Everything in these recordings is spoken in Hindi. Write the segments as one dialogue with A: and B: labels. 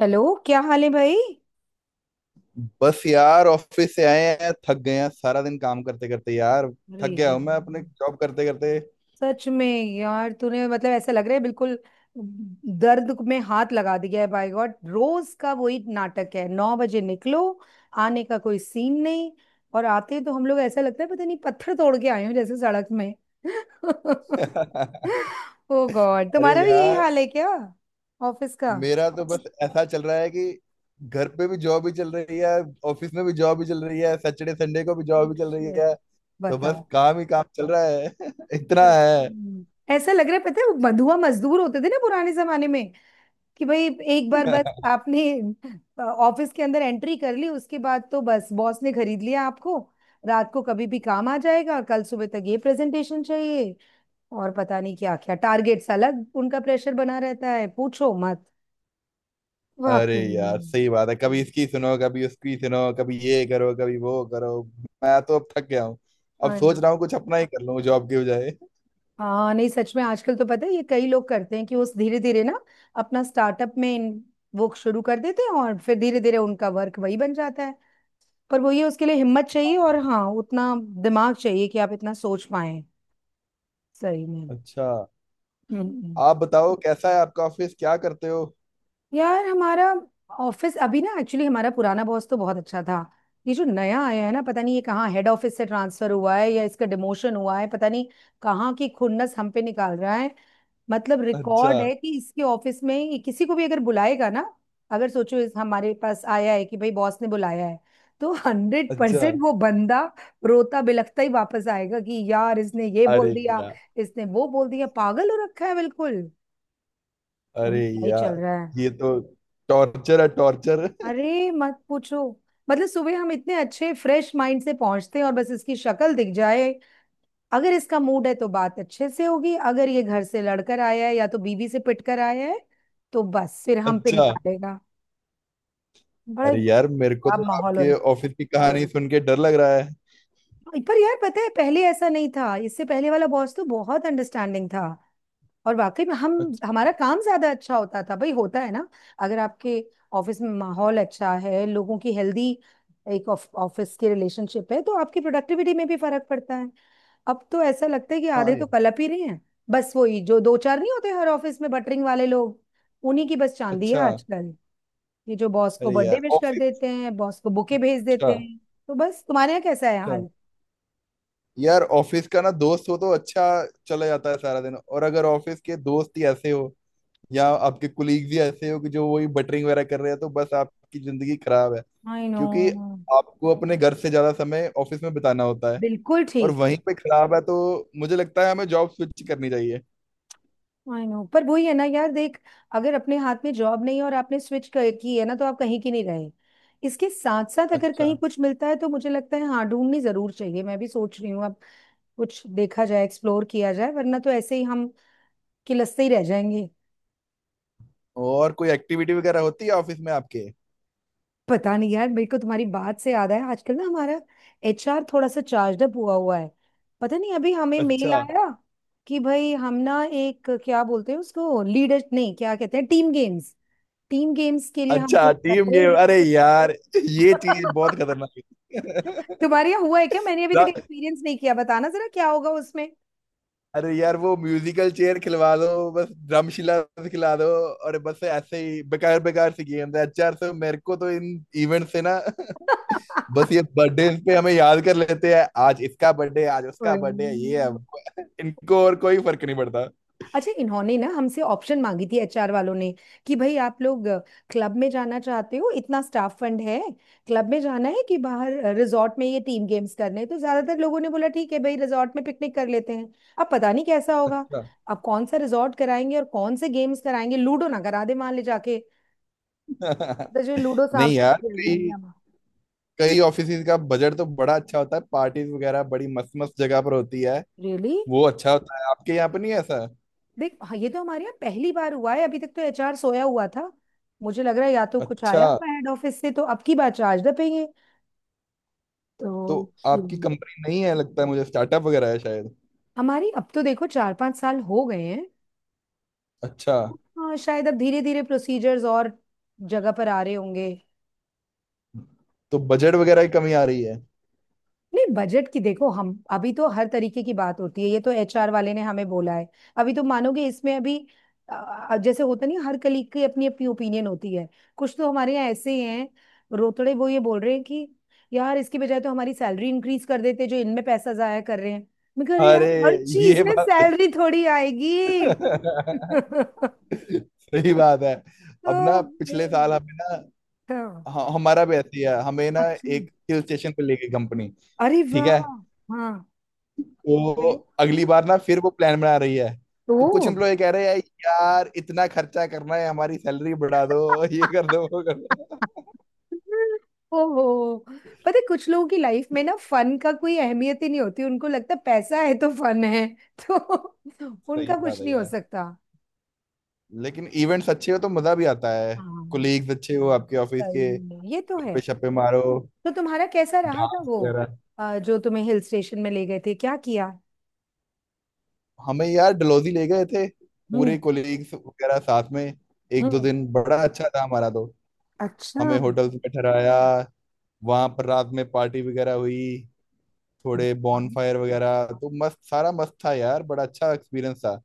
A: हेलो, क्या हाल है भाई?
B: बस यार ऑफिस से आए हैं, थक गए हैं सारा दिन काम करते करते यार।
A: अरे
B: थक गया हूं
A: यार।
B: मैं अपने जॉब करते करते।
A: सच में। यार तूने मतलब ऐसा लग रहा है बिल्कुल दर्द में हाथ लगा दिया है। बाय गॉड, रोज का वही नाटक है। 9 बजे निकलो, आने का कोई सीन नहीं। और आते तो हम लोग ऐसा लगता है पता नहीं पत्थर तोड़ के आए हो जैसे सड़क में। ओ गॉड,
B: अरे
A: तुम्हारा भी यही
B: यार,
A: हाल है क्या ऑफिस का?
B: मेरा तो बस ऐसा चल रहा है कि घर पे भी जॉब ही चल रही है, ऑफिस में भी जॉब ही चल रही है, सैटरडे संडे को भी जॉब ही चल रही
A: शिट।
B: है। तो बस
A: बताओ।
B: काम ही काम चल रहा है। इतना
A: सच
B: है।
A: में। ऐसा लग रहा है, पता है वो बंधुआ मजदूर होते थे ना पुराने जमाने में, कि भाई एक बार बस आपने ऑफिस के अंदर एंट्री कर ली, उसके बाद तो बस बॉस ने खरीद लिया आपको। रात को कभी भी काम आ जाएगा, कल सुबह तक ये प्रेजेंटेशन चाहिए। और पता नहीं क्या क्या टारगेट्स अलग, उनका प्रेशर बना रहता है, पूछो मत।
B: अरे
A: वाकई
B: यार,
A: में।
B: सही बात है, कभी इसकी सुनो कभी उसकी सुनो, कभी ये करो कभी वो करो। मैं तो अब थक गया हूँ। अब
A: है
B: सोच
A: ना।
B: रहा हूँ कुछ अपना ही कर लूँ जॉब के बजाय।
A: हाँ नहीं, सच में आजकल तो पता है ये कई लोग करते हैं कि वो धीरे धीरे ना अपना स्टार्टअप में वो शुरू कर देते हैं और फिर धीरे धीरे उनका वर्क वही बन जाता है। पर वो ये, उसके लिए हिम्मत चाहिए और हाँ उतना दिमाग चाहिए कि आप इतना सोच पाए। सही में।
B: अच्छा।
A: हम्म हम्म।
B: आप बताओ कैसा है आपका ऑफिस, क्या करते हो?
A: यार हमारा ऑफिस अभी ना, एक्चुअली हमारा पुराना बॉस तो बहुत अच्छा था। ये जो नया आया है ना, पता नहीं ये कहाँ हेड ऑफिस से ट्रांसफर हुआ है या इसका डिमोशन हुआ है, पता नहीं कहाँ की खुन्नस हम पे निकाल रहा है। मतलब
B: अच्छा।
A: रिकॉर्ड है कि इसके ऑफिस में ही किसी को भी अगर बुलाएगा ना, अगर सोचो इस हमारे पास आया है कि भाई बॉस ने बुलाया है, तो हंड्रेड
B: अच्छा।
A: परसेंट वो बंदा रोता बिलखता ही वापस आएगा कि यार इसने ये बोल
B: अरे
A: दिया,
B: यार।
A: इसने वो बोल दिया। पागल हो रखा है बिल्कुल। यानी
B: अरे
A: क्या ही चल
B: यार,
A: रहा है।
B: ये तो टॉर्चर है, टॉर्चर।
A: अरे मत पूछो। मतलब सुबह हम इतने अच्छे फ्रेश माइंड से पहुंचते हैं और बस इसकी शक्ल दिख जाए, अगर इसका मूड है तो बात अच्छे से होगी, अगर ये घर से लड़कर आया है या तो बीवी से पिट कर आया है तो बस फिर हम पे
B: अच्छा।
A: निकालेगा। बड़ा
B: अरे यार, मेरे को तो
A: खराब माहौल हो
B: आपके
A: रहा
B: ऑफिस की कहानी सुन के डर लग रहा है।
A: है। पर यार पता है पहले ऐसा नहीं था, इससे पहले वाला बॉस तो बहुत अंडरस्टैंडिंग था और वाकई में हम,
B: अच्छा।
A: हमारा काम ज्यादा अच्छा होता था। भाई होता है ना, अगर आपके ऑफिस में माहौल अच्छा है, लोगों की हेल्दी एक ऑफिस की रिलेशनशिप है, तो आपकी प्रोडक्टिविटी में भी फर्क पड़ता है। अब तो ऐसा लगता है कि आधे
B: हाँ
A: तो
B: यार।
A: कलप ही रहे हैं। बस वही जो दो चार नहीं होते हर ऑफिस में, बटरिंग वाले लोग, उन्हीं की बस चांदी है
B: अच्छा।
A: आजकल। ये जो बॉस को
B: अरे
A: बर्थडे
B: यार
A: विश कर
B: ऑफिस।
A: देते हैं, बॉस को बुके भेज
B: अच्छा।
A: देते हैं। तो बस तुम्हारे यहाँ कैसा है
B: अच्छा
A: हाल?
B: यार, ऑफिस का ना दोस्त हो तो अच्छा चला जाता है सारा दिन। और अगर ऑफिस के दोस्त ही ऐसे हो, या आपके कुलीग्स ही ऐसे हो कि जो वही बटरिंग वगैरह कर रहे हैं, तो बस आपकी जिंदगी खराब है।
A: I know.
B: क्योंकि आपको अपने घर से ज्यादा समय ऑफिस में बिताना होता है।
A: बिल्कुल
B: और
A: ठीक।
B: वहीं पे खराब है तो मुझे लगता है हमें जॉब स्विच करनी चाहिए।
A: आई नो, पर वही है ना यार, देख अगर अपने हाथ में जॉब नहीं है और आपने स्विच कर की है ना तो आप कहीं की नहीं रहे। इसके साथ साथ अगर
B: अच्छा।
A: कहीं कुछ मिलता है तो मुझे लगता है हाँ, ढूंढनी जरूर चाहिए। मैं भी सोच रही हूँ अब, कुछ देखा जाए, एक्सप्लोर किया जाए, वरना तो ऐसे ही हम किलसते ही रह जाएंगे।
B: और कोई एक्टिविटी वगैरह होती है ऑफिस में आपके?
A: पता नहीं यार, मेरे को तुम्हारी बात से याद आया, आजकल ना हमारा एचआर थोड़ा सा चार्ज अप हुआ हुआ है। पता नहीं, अभी हमें मेल
B: अच्छा।
A: आया कि भाई हम ना एक क्या बोलते हैं उसको, लीडर नहीं क्या कहते हैं, टीम गेम्स, टीम गेम्स के लिए हम
B: अच्छा
A: कुछ रख
B: टीम
A: रहे
B: गेम,
A: हैं।
B: अरे यार, ये चीज बहुत खतरनाक है।
A: तुम्हारे यहाँ हुआ है क्या? मैंने अभी तक
B: रा-
A: एक्सपीरियंस नहीं किया, बताना जरा क्या होगा उसमें।
B: अरे यार, वो म्यूजिकल चेयर खिलवा दो, बस ड्रमशिला खिला दो, और बस ऐसे ही बेकार बेकार सी गेम है। अच्छा यार सर, मेरे को तो इन इवेंट से ना। बस ये बर्थडे पे हमें याद कर लेते हैं, आज इसका बर्थडे है, आज उसका बर्थडे है, ये है
A: हम्म।
B: वो है। इनको और कोई फर्क नहीं पड़ता।
A: अच्छा, इन्होंने ना हमसे ऑप्शन मांगी थी एचआर वालों ने कि भाई आप लोग क्लब में जाना चाहते हो, इतना स्टाफ फंड है, क्लब में जाना है कि बाहर रिजॉर्ट में ये टीम गेम्स करने हैं। तो ज्यादातर लोगों ने बोला ठीक है भाई रिजॉर्ट में पिकनिक कर लेते हैं। अब पता नहीं कैसा होगा,
B: अच्छा।
A: अब कौन सा रिजॉर्ट कराएंगे और कौन से गेम्स कराएंगे, लूडो ना करा दे मान ले जाके, तो जो लूडो सांप
B: नहीं यार,
A: सीढ़ी खेल रही
B: कई
A: हैं हम।
B: कई ऑफिस का बजट तो बड़ा अच्छा होता है, पार्टीज वगैरह बड़ी मस्त मस्त जगह पर होती है।
A: रियली?
B: वो अच्छा होता है। आपके यहाँ पर नहीं है ऐसा?
A: देख हाँ, ये तो हमारे यहाँ पहली बार हुआ है, अभी तक तो एचआर सोया हुआ था। मुझे लग रहा है या तो कुछ
B: अच्छा।
A: आया हुआ हेड ऑफिस से, तो अब की बार चार्ज द पेंगे। तो
B: तो आपकी
A: हम्म,
B: कंपनी नहीं है लगता है मुझे, स्टार्टअप वगैरह है शायद।
A: हमारी, अब तो देखो 4-5 साल हो गए हैं।
B: अच्छा।
A: हाँ शायद अब धीरे धीरे प्रोसीजर्स और जगह पर आ रहे होंगे।
B: तो बजट वगैरह की कमी आ रही है?
A: नहीं बजट की, देखो हम अभी तो हर तरीके की बात होती है, ये तो एचआर वाले ने हमें बोला है। अभी तो मानोगे इसमें, अभी जैसे होता नहीं है, हर कलीग की अपनी अपनी ओपिनियन होती है। कुछ तो हमारे यहाँ ऐसे ही हैं, रोतड़े वो ये बोल रहे हैं कि यार इसकी बजाय तो हमारी सैलरी इंक्रीज कर देते, जो इनमें पैसा जाया कर रहे हैं। मैं कह रही यार,
B: अरे
A: हर चीज
B: ये
A: में
B: बात।
A: सैलरी थोड़ी आएगी। तो
B: सही बात है। अब ना पिछले
A: फिर-
B: साल हमें ना,
A: हाँ।
B: हमारा भी ऐसी है, हमें ना
A: अच्छा।
B: एक हिल स्टेशन पे ले गई कंपनी।
A: अरे
B: ठीक
A: वाह।
B: है।
A: हाँ।
B: तो
A: फिर
B: अगली बार ना फिर वो प्लान बना रही है। तो कुछ
A: तो।
B: एम्प्लॉय कह रहे हैं यार, इतना खर्चा करना है हमारी सैलरी बढ़ा दो, ये कर दो वो कर दो।
A: ओहो। पता है कुछ लोगों की लाइफ में ना फन का कोई अहमियत ही नहीं होती, उनको लगता है पैसा है तो फन है। तो
B: सही
A: उनका
B: बात
A: कुछ
B: है
A: नहीं हो
B: यार।
A: सकता।
B: लेकिन इवेंट्स अच्छे हो तो मजा भी आता है।
A: हाँ।
B: कोलीग्स अच्छे हो आपके ऑफिस
A: सही
B: के,
A: में ये तो
B: गप्पे
A: है।
B: शप्पे मारो,
A: तो तुम्हारा कैसा रहा था
B: डांस
A: वो
B: वगैरह।
A: जो तुम्हें हिल स्टेशन में ले गए थे, क्या किया?
B: हमें यार डलोजी ले गए थे, पूरे
A: हम्म।
B: कोलीग्स वगैरह साथ में। एक दो
A: हम्म।
B: दिन बड़ा अच्छा था हमारा तो।
A: अच्छा।
B: हमें होटल्स में ठहराया, वहां पर रात में पार्टी वगैरह हुई, थोड़े बॉनफायर वगैरह, तो मस्त, सारा मस्त था यार, बड़ा अच्छा एक्सपीरियंस था।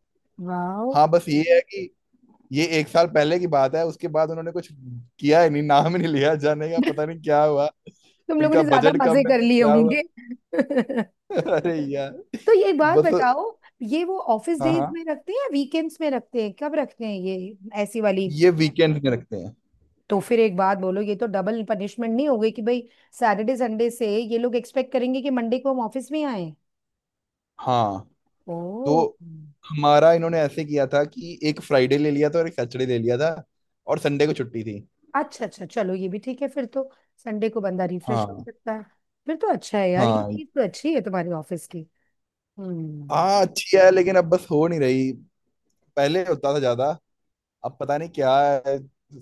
A: वाह।
B: हाँ, बस ये है कि ये एक साल पहले की बात है, उसके बाद उन्होंने कुछ किया ही नहीं, नाम ही नहीं लिया जाने का, पता नहीं क्या हुआ।
A: तुम लोगों
B: इनका
A: ने ज्यादा
B: बजट कम
A: मजे
B: है
A: कर लिए
B: क्या हुआ।
A: होंगे।
B: अरे यार
A: तो ये
B: तो
A: बात
B: बस।
A: बताओ, ये वो ऑफिस
B: हाँ
A: डेज
B: हाँ।
A: में रखते हैं या वीकेंड्स में रखते हैं, कब रखते हैं ये ऐसी वाली?
B: ये वीकेंड में रखते हैं।
A: तो फिर एक बात बोलो, ये तो डबल पनिशमेंट नहीं हो गई कि भाई सैटरडे संडे से ये लोग एक्सपेक्ट करेंगे कि मंडे को हम ऑफिस में आए?
B: हाँ।
A: ओ।
B: तो हमारा इन्होंने ऐसे किया था कि एक फ्राइडे ले लिया था और एक सैटरडे ले लिया था, और संडे को छुट्टी थी।
A: अच्छा अच्छा, चलो ये भी ठीक है फिर तो, संडे को बंदा रिफ्रेश हो
B: हाँ।
A: सकता है। फिर तो अच्छा है यार, ये
B: हाँ।
A: चीज तो अच्छी है तुम्हारी ऑफिस की। हम्म।
B: हाँ, अच्छी है, लेकिन अब बस हो नहीं रही। पहले होता था ज्यादा। अब पता नहीं क्या है।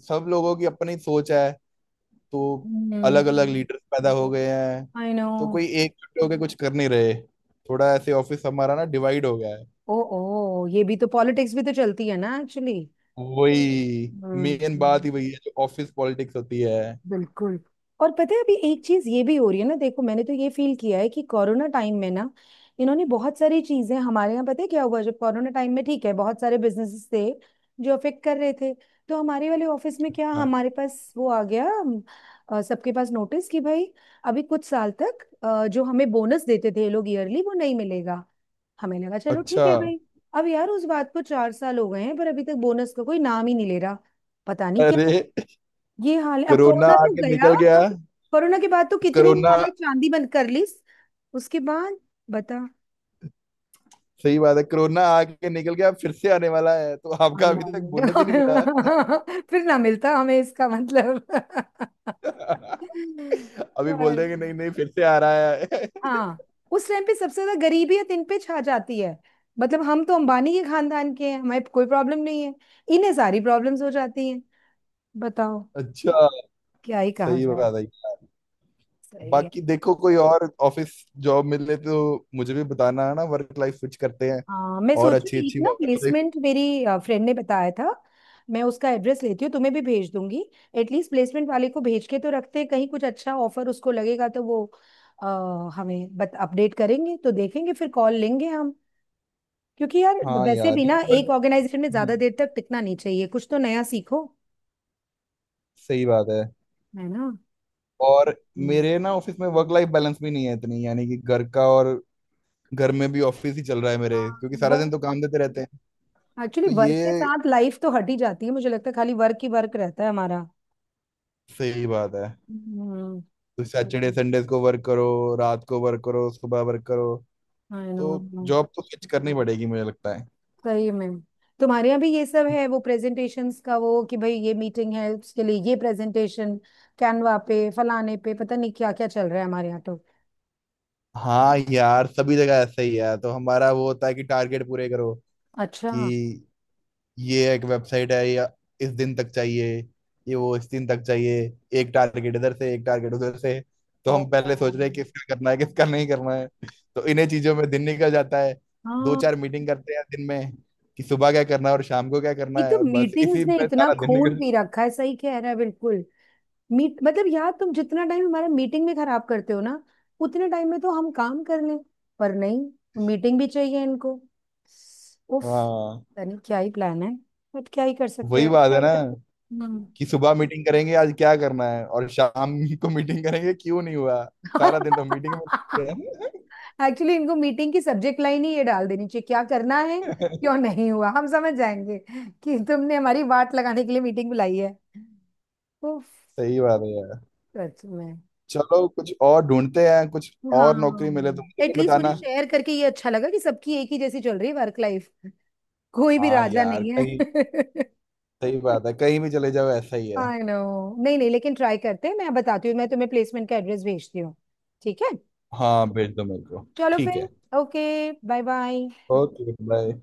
B: सब लोगों की अपनी सोच है। तो अलग अलग
A: हम्म।
B: लीडर्स पैदा हो गए हैं।
A: आई नो।
B: तो कोई एक जुट होके कुछ कर नहीं रहे। थोड़ा ऐसे ऑफिस हमारा ना डिवाइड हो गया है।
A: ओ, ओ, ये भी तो, पॉलिटिक्स भी तो चलती है ना एक्चुअली।
B: वही, मेन
A: हम्म।
B: बात ही वही है, जो ऑफिस पॉलिटिक्स होती है।
A: बिल्कुल। और पता है अभी एक चीज ये भी हो रही है ना, देखो मैंने तो ये फील किया है कि कोरोना टाइम में ना इन्होंने बहुत सारी चीजें हमारे यहाँ, पता है क्या हुआ जब कोरोना टाइम में, ठीक है बहुत सारे बिजनेसेस थे जो अफेक्ट कर रहे थे, तो हमारे वाले ऑफिस में क्या,
B: हाँ।
A: हमारे पास वो आ गया, सबके पास नोटिस कि भाई अभी कुछ साल तक जो हमें बोनस देते थे ये लोग ईयरली, वो नहीं मिलेगा। हमें लगा चलो
B: अच्छा।
A: ठीक है भाई। अब यार उस बात को 4 साल हो गए हैं पर अभी तक बोनस का कोई नाम ही नहीं ले रहा। पता नहीं क्या
B: अरे
A: ये हाल है। अब
B: कोरोना
A: कोरोना तो
B: आके
A: गया,
B: निकल गया।
A: कोरोना के बाद तो कितनी
B: कोरोना।
A: इन्होंने चांदी बंद कर ली। उसके बाद, बता।
B: सही बात है, कोरोना आके निकल गया, फिर से आने वाला है, तो आपका
A: हाय
B: अभी तक बोनस ही नहीं मिला।
A: हाय। फिर ना मिलता हमें, इसका मतलब।
B: अभी बोल
A: पर
B: देंगे नहीं नहीं, फिर से आ रहा है।
A: हाँ, उस टाइम पे सबसे ज्यादा गरीबियत इन पे छा जाती है। मतलब हम तो अंबानी के खानदान के हैं, हमें कोई प्रॉब्लम नहीं है, इन्हें सारी प्रॉब्लम्स हो जाती हैं। बताओ।
B: अच्छा।
A: क्या ही कहा
B: सही
A: जाए।
B: बात है।
A: सही है।
B: बाकी देखो कोई और ऑफिस, जॉब मिले तो मुझे भी बताना है ना, वर्क लाइफ स्विच करते हैं।
A: हाँ, मैं
B: और
A: सोचू
B: अच्छी
A: एक
B: अच्छी
A: ना,
B: वर्क लाइफ।
A: प्लेसमेंट मेरी फ्रेंड ने बताया था, मैं उसका एड्रेस लेती हूँ, तुम्हें भी भेज दूंगी। एटलीस्ट प्लेसमेंट वाले को भेज के तो रखते हैं, कहीं कुछ अच्छा ऑफर उसको लगेगा तो वो अ, हमें बत अपडेट करेंगे, तो देखेंगे फिर, कॉल लेंगे हम। क्योंकि यार,
B: हाँ
A: वैसे
B: यार
A: भी ना
B: क्योंकि
A: एक ऑर्गेनाइजेशन में ज्यादा
B: हाँ,
A: देर तक टिकना नहीं चाहिए, कुछ तो नया सीखो।
B: सही बात है।
A: है ना।
B: और
A: हम्म।
B: मेरे ना ऑफिस में वर्क लाइफ बैलेंस भी नहीं है इतनी, यानी कि घर का और घर में भी ऑफिस ही चल रहा है मेरे,
A: हाँ।
B: क्योंकि सारा दिन
A: वर्क,
B: तो काम देते रहते हैं।
A: एक्चुअली
B: तो
A: वर्क के
B: ये
A: साथ लाइफ तो हट ही जाती है, मुझे लगता है खाली वर्क ही वर्क रहता है हमारा।
B: सही बात है।
A: हम्म।
B: तो सैटरडे संडे को वर्क करो, रात को वर्क करो, सुबह वर्क करो।
A: I know.
B: तो जॉब तो स्विच करनी पड़ेगी मुझे लगता है।
A: सही में। तुम्हारे यहाँ भी ये सब है, वो प्रेजेंटेशंस का, वो कि भाई ये मीटिंग है उसके लिए ये प्रेजेंटेशन, कैनवा पे फलाने पे, पता नहीं क्या क्या चल रहा है हमारे यहाँ तो।
B: हाँ यार, सभी जगह ऐसा ही है। तो हमारा वो होता है कि टारगेट पूरे करो,
A: अच्छा।
B: कि ये एक वेबसाइट है या इस दिन तक चाहिए, ये वो इस दिन तक चाहिए, एक टारगेट इधर से एक टारगेट उधर से, तो
A: ओ,
B: हम
A: ओ।
B: पहले सोच रहे हैं किसका करना है किसका नहीं करना है। तो इन्हीं चीजों में दिन निकल जाता है। दो
A: हाँ।
B: चार मीटिंग करते हैं दिन में, कि सुबह क्या करना है और शाम को क्या करना
A: एक तो
B: है, और बस
A: मीटिंग्स
B: इसी
A: ने
B: में
A: इतना
B: सारा दिन
A: खून
B: निकल।
A: पी रखा है, सही कह रहा है बिल्कुल। मीट मतलब यार तुम जितना टाइम हमारा मीटिंग में खराब करते हो ना, उतने टाइम में तो हम काम कर लें। पर नहीं, मीटिंग भी चाहिए इनको। उफ,
B: हाँ
A: पता नहीं क्या ही प्लान है। बट क्या ही कर
B: वही
A: सकते
B: बात है ना,
A: हैं।
B: कि सुबह मीटिंग करेंगे आज क्या करना है और शाम को मीटिंग करेंगे क्यों नहीं हुआ। सारा दिन तो मीटिंग में।
A: एक्चुअली इनको मीटिंग की सब्जेक्ट लाइन ही ये डाल देनी चाहिए, क्या करना है, क्यों नहीं हुआ, हम समझ जाएंगे कि तुमने हमारी वाट लगाने के लिए मीटिंग बुलाई है। उफ।
B: सही बात है यार।
A: सच में।
B: चलो कुछ और ढूंढते हैं, कुछ और
A: हाँ।
B: नौकरी मिले तो मुझे भी
A: एटलीस्ट मुझे
B: बताना।
A: शेयर करके ये अच्छा लगा कि सबकी एक ही जैसी चल रही है वर्क लाइफ, कोई भी
B: हाँ
A: राजा
B: यार
A: नहीं है।
B: कहीं, सही बात है कहीं भी चले जाओ ऐसा ही है।
A: I know. नहीं नहीं, लेकिन ट्राई करते हैं, मैं बताती हूँ, मैं तुम्हें प्लेसमेंट का एड्रेस भेजती हूँ। ठीक है,
B: हाँ भेज दो मेरे को।
A: चलो
B: ठीक
A: फिर।
B: है।
A: Okay, bye bye.
B: Okay bye.